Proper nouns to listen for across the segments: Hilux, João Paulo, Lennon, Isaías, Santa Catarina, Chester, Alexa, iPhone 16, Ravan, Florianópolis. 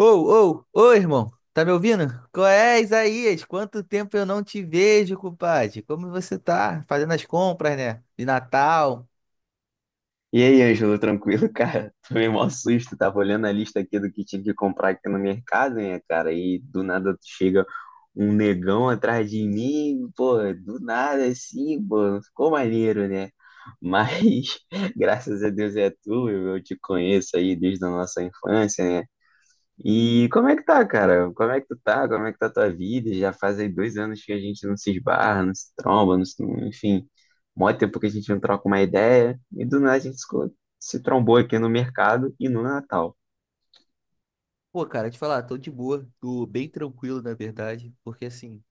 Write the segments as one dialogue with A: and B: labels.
A: Ô, ô, ô, irmão, tá me ouvindo? Qual é, Isaías? Quanto tempo eu não te vejo, compadre? Como você tá? Fazendo as compras, né? De Natal.
B: E aí, Ângelo, tranquilo, cara? Tomei mó susto, tava olhando a lista aqui do que tinha que comprar aqui no mercado, né, cara? E do nada chega um negão atrás de mim, pô, do nada assim, pô, ficou maneiro, né? Mas graças a Deus é tu, eu te conheço aí desde a nossa infância, né? E como é que tá, cara? Como é que tu tá? Como é que tá a tua vida? Já faz aí 2 anos que a gente não se esbarra, não se tromba, enfim, mó tempo que a gente não troca uma ideia. E do nada a gente se trombou aqui no mercado e no Natal.
A: Pô, cara, te falar, tô de boa, tô bem tranquilo, na verdade, porque assim,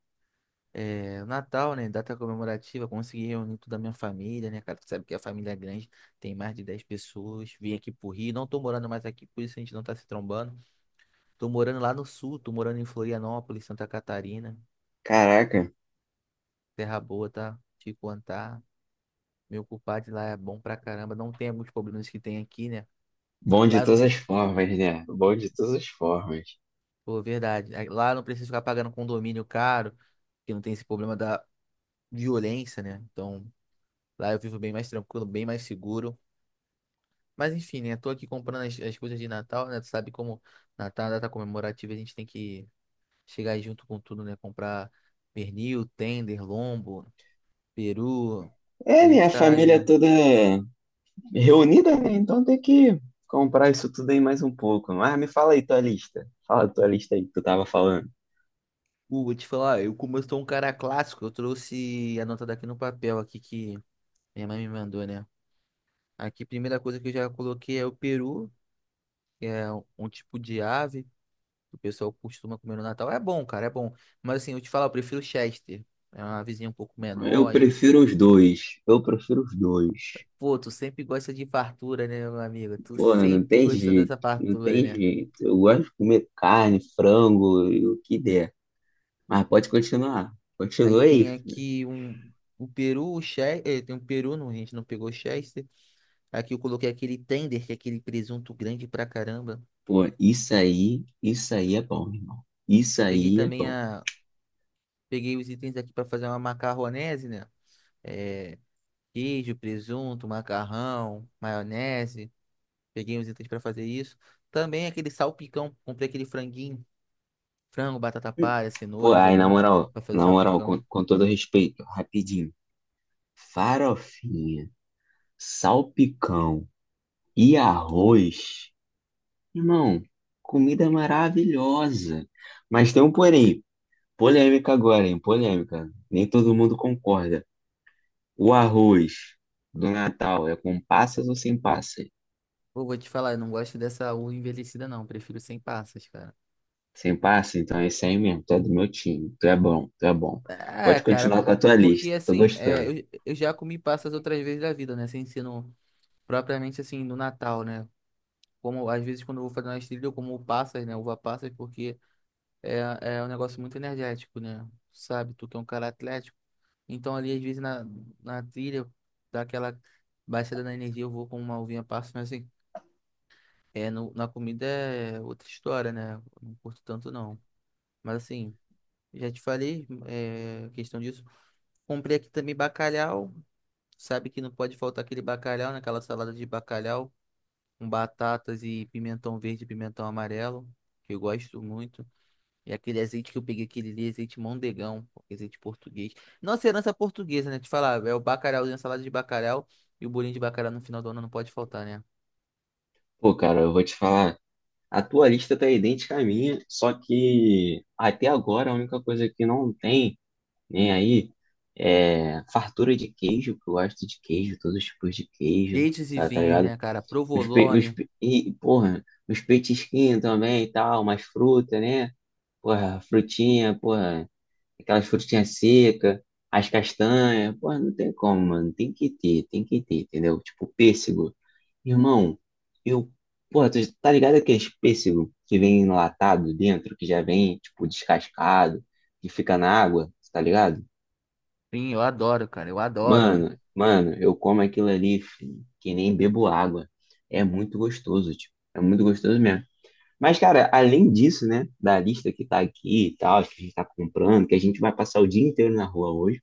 A: o Natal, né, data comemorativa, consegui reunir toda a minha família, né, cara? Tu sabe que a família é grande, tem mais de 10 pessoas, vim aqui pro Rio, não tô morando mais aqui, por isso a gente não tá se trombando. Tô morando lá no sul, tô morando em Florianópolis, Santa Catarina,
B: Caraca,
A: terra boa, tá? Te contar. Meu culpado lá é bom pra caramba. Não tem alguns problemas que tem aqui, né?
B: bom
A: Lá
B: de
A: eu não
B: todas as
A: preciso.
B: formas, né? Bom de todas as formas.
A: Pô, verdade. Aí lá eu não preciso ficar pagando condomínio caro, que não tem esse problema da violência, né? Então, lá eu vivo bem mais tranquilo, bem mais seguro. Mas enfim, né? Tô aqui comprando as coisas de Natal, né? Tu sabe como Natal é uma data comemorativa, a gente tem que chegar aí junto com tudo, né? Comprar pernil, tender, lombo, peru.
B: É,
A: A
B: minha
A: gente tá aí,
B: família
A: né?
B: toda reunida, né? Então tem que comprar isso tudo aí mais um pouco. Mas me fala aí tua lista. Fala a tua lista aí que tu tava falando.
A: Vou te falar, eu como eu sou um cara clássico, eu trouxe a nota daqui no papel aqui que minha mãe me mandou, né? Aqui, primeira coisa que eu já coloquei é o peru, que é um tipo de ave que o pessoal costuma comer no Natal. É bom, cara, é bom. Mas assim, eu te falar, eu prefiro Chester. É uma avezinha um pouco
B: Eu
A: menor e...
B: prefiro os dois. Eu prefiro os dois.
A: Pô, tu sempre gosta de fartura, né, meu amigo? Tu
B: Pô, né, não
A: sempre
B: tem
A: gostou
B: jeito,
A: dessa
B: não
A: fartura,
B: tem
A: né?
B: jeito. Eu gosto de comer carne, frango e o que der. Mas pode continuar.
A: Aí
B: Continua aí,
A: tem
B: filho.
A: aqui um... O peru, o Chester... Tem um peru, não, a gente não pegou Chester. Aqui eu coloquei aquele tender, que é aquele presunto grande pra caramba.
B: Pô, isso aí é bom, irmão. Isso
A: Peguei
B: aí é
A: também
B: bom.
A: a... Peguei os itens aqui pra fazer uma macarronese, né? é, Queijo, presunto, macarrão, maionese. Peguei uns itens para fazer isso. Também aquele salpicão, comprei aquele franguinho, frango, batata palha,
B: Pô,
A: cenoura, os
B: aí
A: legumes para fazer
B: na moral, com,
A: salpicão.
B: com todo respeito, rapidinho. Farofinha, salpicão e arroz. Irmão, comida maravilhosa. Mas tem um porém, polêmica agora, hein? Polêmica. Nem todo mundo concorda. O arroz do Natal é com passas ou sem passas?
A: Pô, vou te falar, eu não gosto dessa uva envelhecida não, prefiro sem passas, cara.
B: Sem passas, então é isso aí mesmo. Tu é do meu time. Tu é bom, tu é bom.
A: É,
B: Pode
A: cara,
B: continuar com a tua
A: porque
B: lista. Tô
A: assim, é,
B: gostando.
A: eu, eu já comi passas outras vezes da vida, né? Sem ser no, propriamente assim no Natal, né? Como às vezes quando eu vou fazer uma trilha, eu como passas, né? Uva passas, porque é um negócio muito energético, né? Sabe, tu que é um cara atlético. Então ali, às vezes, na trilha, dá aquela baixada na energia, eu vou com uma uvinha passa, mas assim, é, no, na comida é outra história, né? Não curto tanto, não. Mas assim, já te falei, é, questão disso. Comprei aqui também bacalhau. Sabe que não pode faltar aquele bacalhau, naquela salada de bacalhau, com batatas e pimentão verde e pimentão amarelo, que eu gosto muito. E aquele azeite que eu peguei, aquele ali, azeite mondegão, pô, azeite português. Nossa herança é portuguesa, né? Te falar, é o bacalhauzinho, a salada de bacalhau e o bolinho de bacalhau no final do ano não pode faltar, né?
B: Pô, cara, eu vou te falar. A tua lista tá idêntica à minha, só que até agora a única coisa que não tem, nem aí, é fartura de queijo, que eu gosto de queijo, todos os tipos de queijo,
A: Queijos e
B: sabe, tá
A: vinhos,
B: ligado?
A: né, cara?
B: Os pe... uns
A: Provolone.
B: pe- E, porra, os petisquinhos também e tal, umas frutas, né? Porra, frutinha, porra, aquelas frutinhas secas, as castanhas, porra, não tem como, mano. Tem que ter, entendeu? Tipo, pêssego. Irmão, eu, porra, tu tá ligado aqueles pêssego que vem enlatado dentro, que já vem, tipo, descascado, que fica na água, tá ligado?
A: Vinho, eu adoro, cara, eu adoro.
B: Mano, mano, eu como aquilo ali, filho, que nem bebo água. É muito gostoso, tipo, é muito gostoso mesmo. Mas, cara, além disso, né, da lista que tá aqui e tal, que a gente tá comprando, que a gente vai passar o dia inteiro na rua hoje,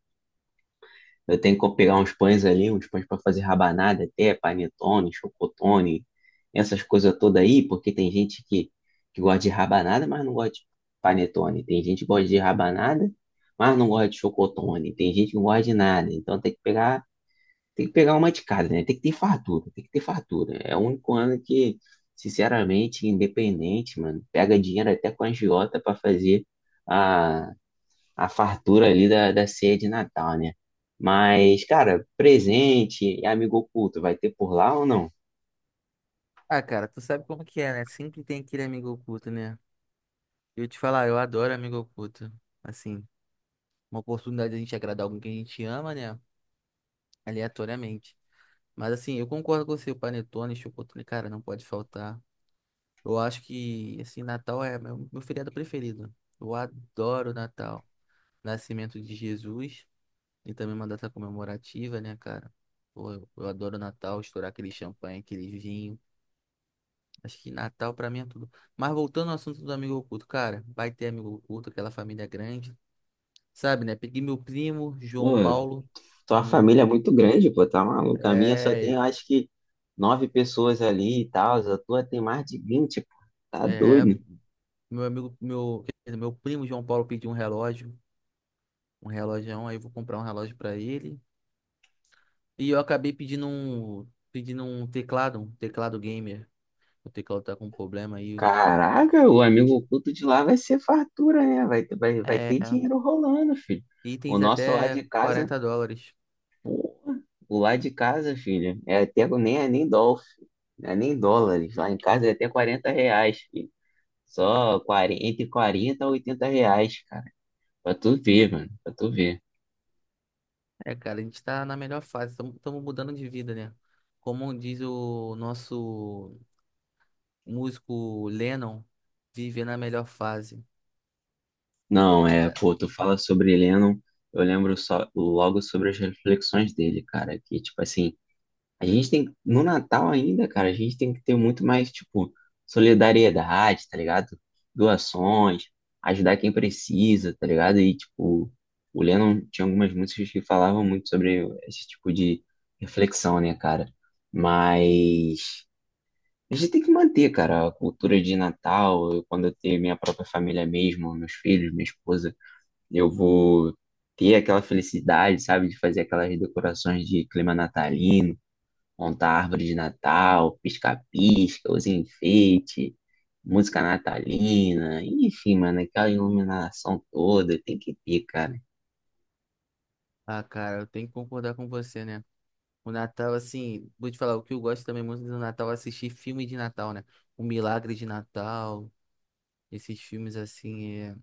B: eu tenho que pegar uns pães ali, uns pães para fazer rabanada até, panetone, chocotone, essas coisas todas aí, porque tem gente que gosta de rabanada, mas não gosta de panetone. Tem gente que gosta de rabanada, mas não gosta de chocotone. Tem gente que não gosta de nada. Então tem que pegar uma de cada, né? Tem que ter fartura, tem que ter fartura. É o único ano que, sinceramente, independente, mano, pega dinheiro até com a agiota pra fazer a, a fartura ali da ceia de Natal, né? Mas, cara, presente e amigo oculto, vai ter por lá ou não?
A: Ah, cara, tu sabe como que é, né? Sempre tem aquele amigo oculto, né? Eu te falar, eu adoro amigo oculto. Assim, uma oportunidade de a gente agradar alguém que a gente ama, né? Aleatoriamente. Mas assim, eu concordo com você, o panetone, chocotone, cara, não pode faltar. Eu acho que, assim, Natal é meu feriado preferido. Eu adoro Natal. Nascimento de Jesus e também uma data comemorativa, né, cara? Pô, eu adoro Natal, estourar aquele champanhe, aquele vinho. Acho que Natal pra mim é tudo. Mas voltando ao assunto do amigo oculto, cara, vai ter amigo oculto, aquela família grande, sabe, né? Peguei meu primo,
B: Pô,
A: João Paulo, um
B: tua
A: amigo
B: família é
A: oculto.
B: muito grande, pô, tá maluco? A minha só tem,
A: É,
B: eu acho que, nove pessoas ali e tal, a tua tem mais de 20, pô. Tá
A: é,
B: doido.
A: Meu amigo, meu, quer dizer, meu primo João Paulo pediu um relógio, aí eu vou comprar um relógio pra ele. E eu acabei pedindo pedindo um teclado gamer. O teclado tá com problema aí.
B: Caraca, o amigo oculto de lá vai ser fartura, né? Vai
A: É,
B: ter dinheiro rolando, filho. O
A: itens
B: nosso lá
A: até
B: de casa,
A: US$ 40.
B: o lá de casa, filho, é até nem é nem dólar, não é nem dólares. Lá em casa é até R$ 40, filho. Só 40, entre 40 e R$ 80, cara. Pra tu ver, mano, pra tu ver.
A: É, cara, a gente tá na melhor fase, estamos mudando de vida, né? Como diz o nosso músico Lennon, viver na melhor fase.
B: Não, é,
A: É.
B: pô, tu fala sobre Lennon, eu lembro só, logo sobre as reflexões dele, cara, que, tipo assim. A gente tem, no Natal ainda, cara, a gente tem que ter muito mais, tipo, solidariedade, tá ligado? Doações, ajudar quem precisa, tá ligado? E, tipo, o Lennon tinha algumas músicas que falavam muito sobre esse tipo de reflexão, né, cara? Mas a gente tem que manter, cara, a cultura de Natal. Eu, quando eu ter minha própria família mesmo, meus filhos, minha esposa, eu vou ter aquela felicidade, sabe, de fazer aquelas decorações de clima natalino, montar a árvore de Natal, pisca-pisca, os enfeites, música natalina, enfim, mano, aquela iluminação toda, tem que ter, cara.
A: Ah, cara, eu tenho que concordar com você, né? O Natal, assim, vou te falar, o que eu gosto também muito do Natal é assistir filme de Natal, né? O Milagre de Natal, esses filmes assim,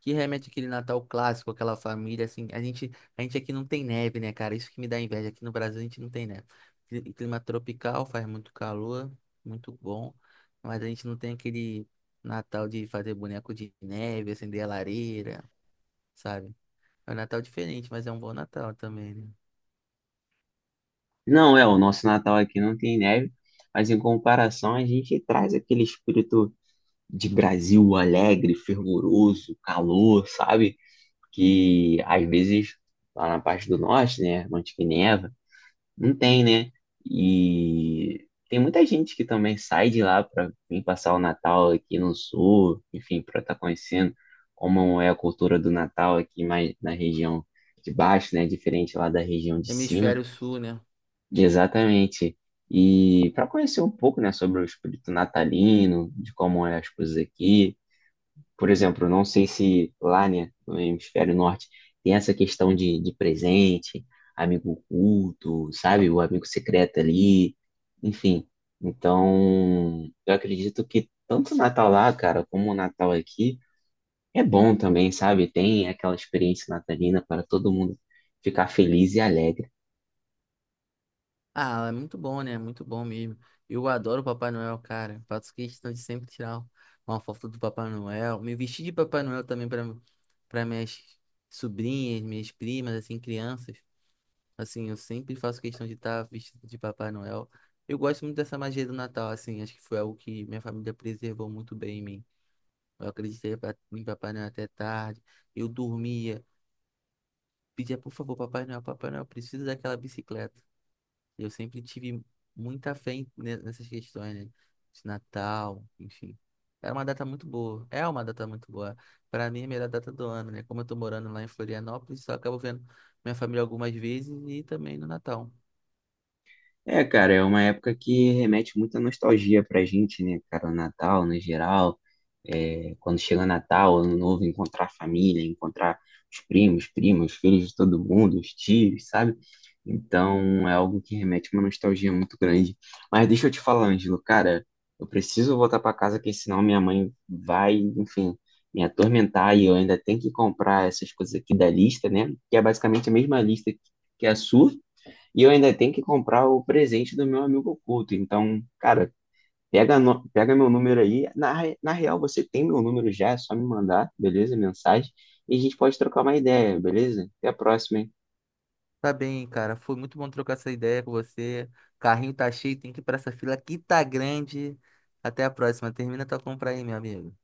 A: que remete aquele Natal clássico, aquela família, assim, a gente aqui não tem neve, né, cara? Isso que me dá inveja, aqui no Brasil a gente não tem neve. Clima tropical, faz muito calor, muito bom, mas a gente não tem aquele Natal de fazer boneco de neve, acender a lareira, sabe? É um Natal diferente, mas é um bom Natal também, né?
B: Não é, o nosso Natal aqui não tem neve, mas em comparação a gente traz aquele espírito de Brasil alegre, fervoroso, calor, sabe? Que às vezes lá na parte do norte, né, Monte que neva. Não tem, né? E tem muita gente que também sai de lá para vir passar o Natal aqui no Sul, enfim, para estar conhecendo como é a cultura do Natal aqui mais na região de baixo, né? Diferente lá da região de cima.
A: Hemisfério Sul, né?
B: Exatamente. E para conhecer um pouco, né, sobre o espírito natalino, de como é as coisas aqui, por exemplo, eu não sei se lá, né, no hemisfério norte, tem essa questão de presente, amigo oculto, sabe? O amigo secreto ali, enfim. Então, eu acredito que tanto o Natal lá, cara, como o Natal aqui, é bom também, sabe? Tem aquela experiência natalina para todo mundo ficar feliz e alegre.
A: Ah, é muito bom, né? Muito bom mesmo. Eu adoro o Papai Noel, cara. Faço questão de sempre tirar uma foto do Papai Noel. Me vestir de Papai Noel também para minhas sobrinhas, minhas primas, assim, crianças. Assim, eu sempre faço questão de estar vestido de Papai Noel. Eu gosto muito dessa magia do Natal, assim. Acho que foi algo que minha família preservou muito bem em mim. Eu acreditei em Papai Noel até tarde. Eu dormia, pedia, por favor, Papai Noel, Papai Noel, eu preciso daquela bicicleta. Eu sempre tive muita fé nessas questões, né? De Natal, enfim. Era uma data muito boa. É uma data muito boa. Para mim, é a melhor data do ano, né? Como eu tô morando lá em Florianópolis, só acabo vendo minha família algumas vezes e também no Natal.
B: É, cara, é uma época que remete muita nostalgia pra gente, né, cara? O Natal, no geral, é, quando chega Natal, Ano Novo, encontrar a família, encontrar os primos, primas, filhos de todo mundo, os tios, sabe? Então, é algo que remete uma nostalgia muito grande. Mas deixa eu te falar, Ângelo, cara, eu preciso voltar pra casa, porque senão minha mãe vai, enfim, me atormentar e eu ainda tenho que comprar essas coisas aqui da lista, né? Que é basicamente a mesma lista que a sua. E eu ainda tenho que comprar o presente do meu amigo oculto. Então, cara, pega, no- pega meu número aí. Na real, você tem meu número já, é só me mandar, beleza? Mensagem. E a gente pode trocar uma ideia, beleza? Até a próxima, hein?
A: Tá bem, cara. Foi muito bom trocar essa ideia com você. Carrinho tá cheio, tem que ir pra essa fila que tá grande. Até a próxima. Termina tua compra aí, meu amigo.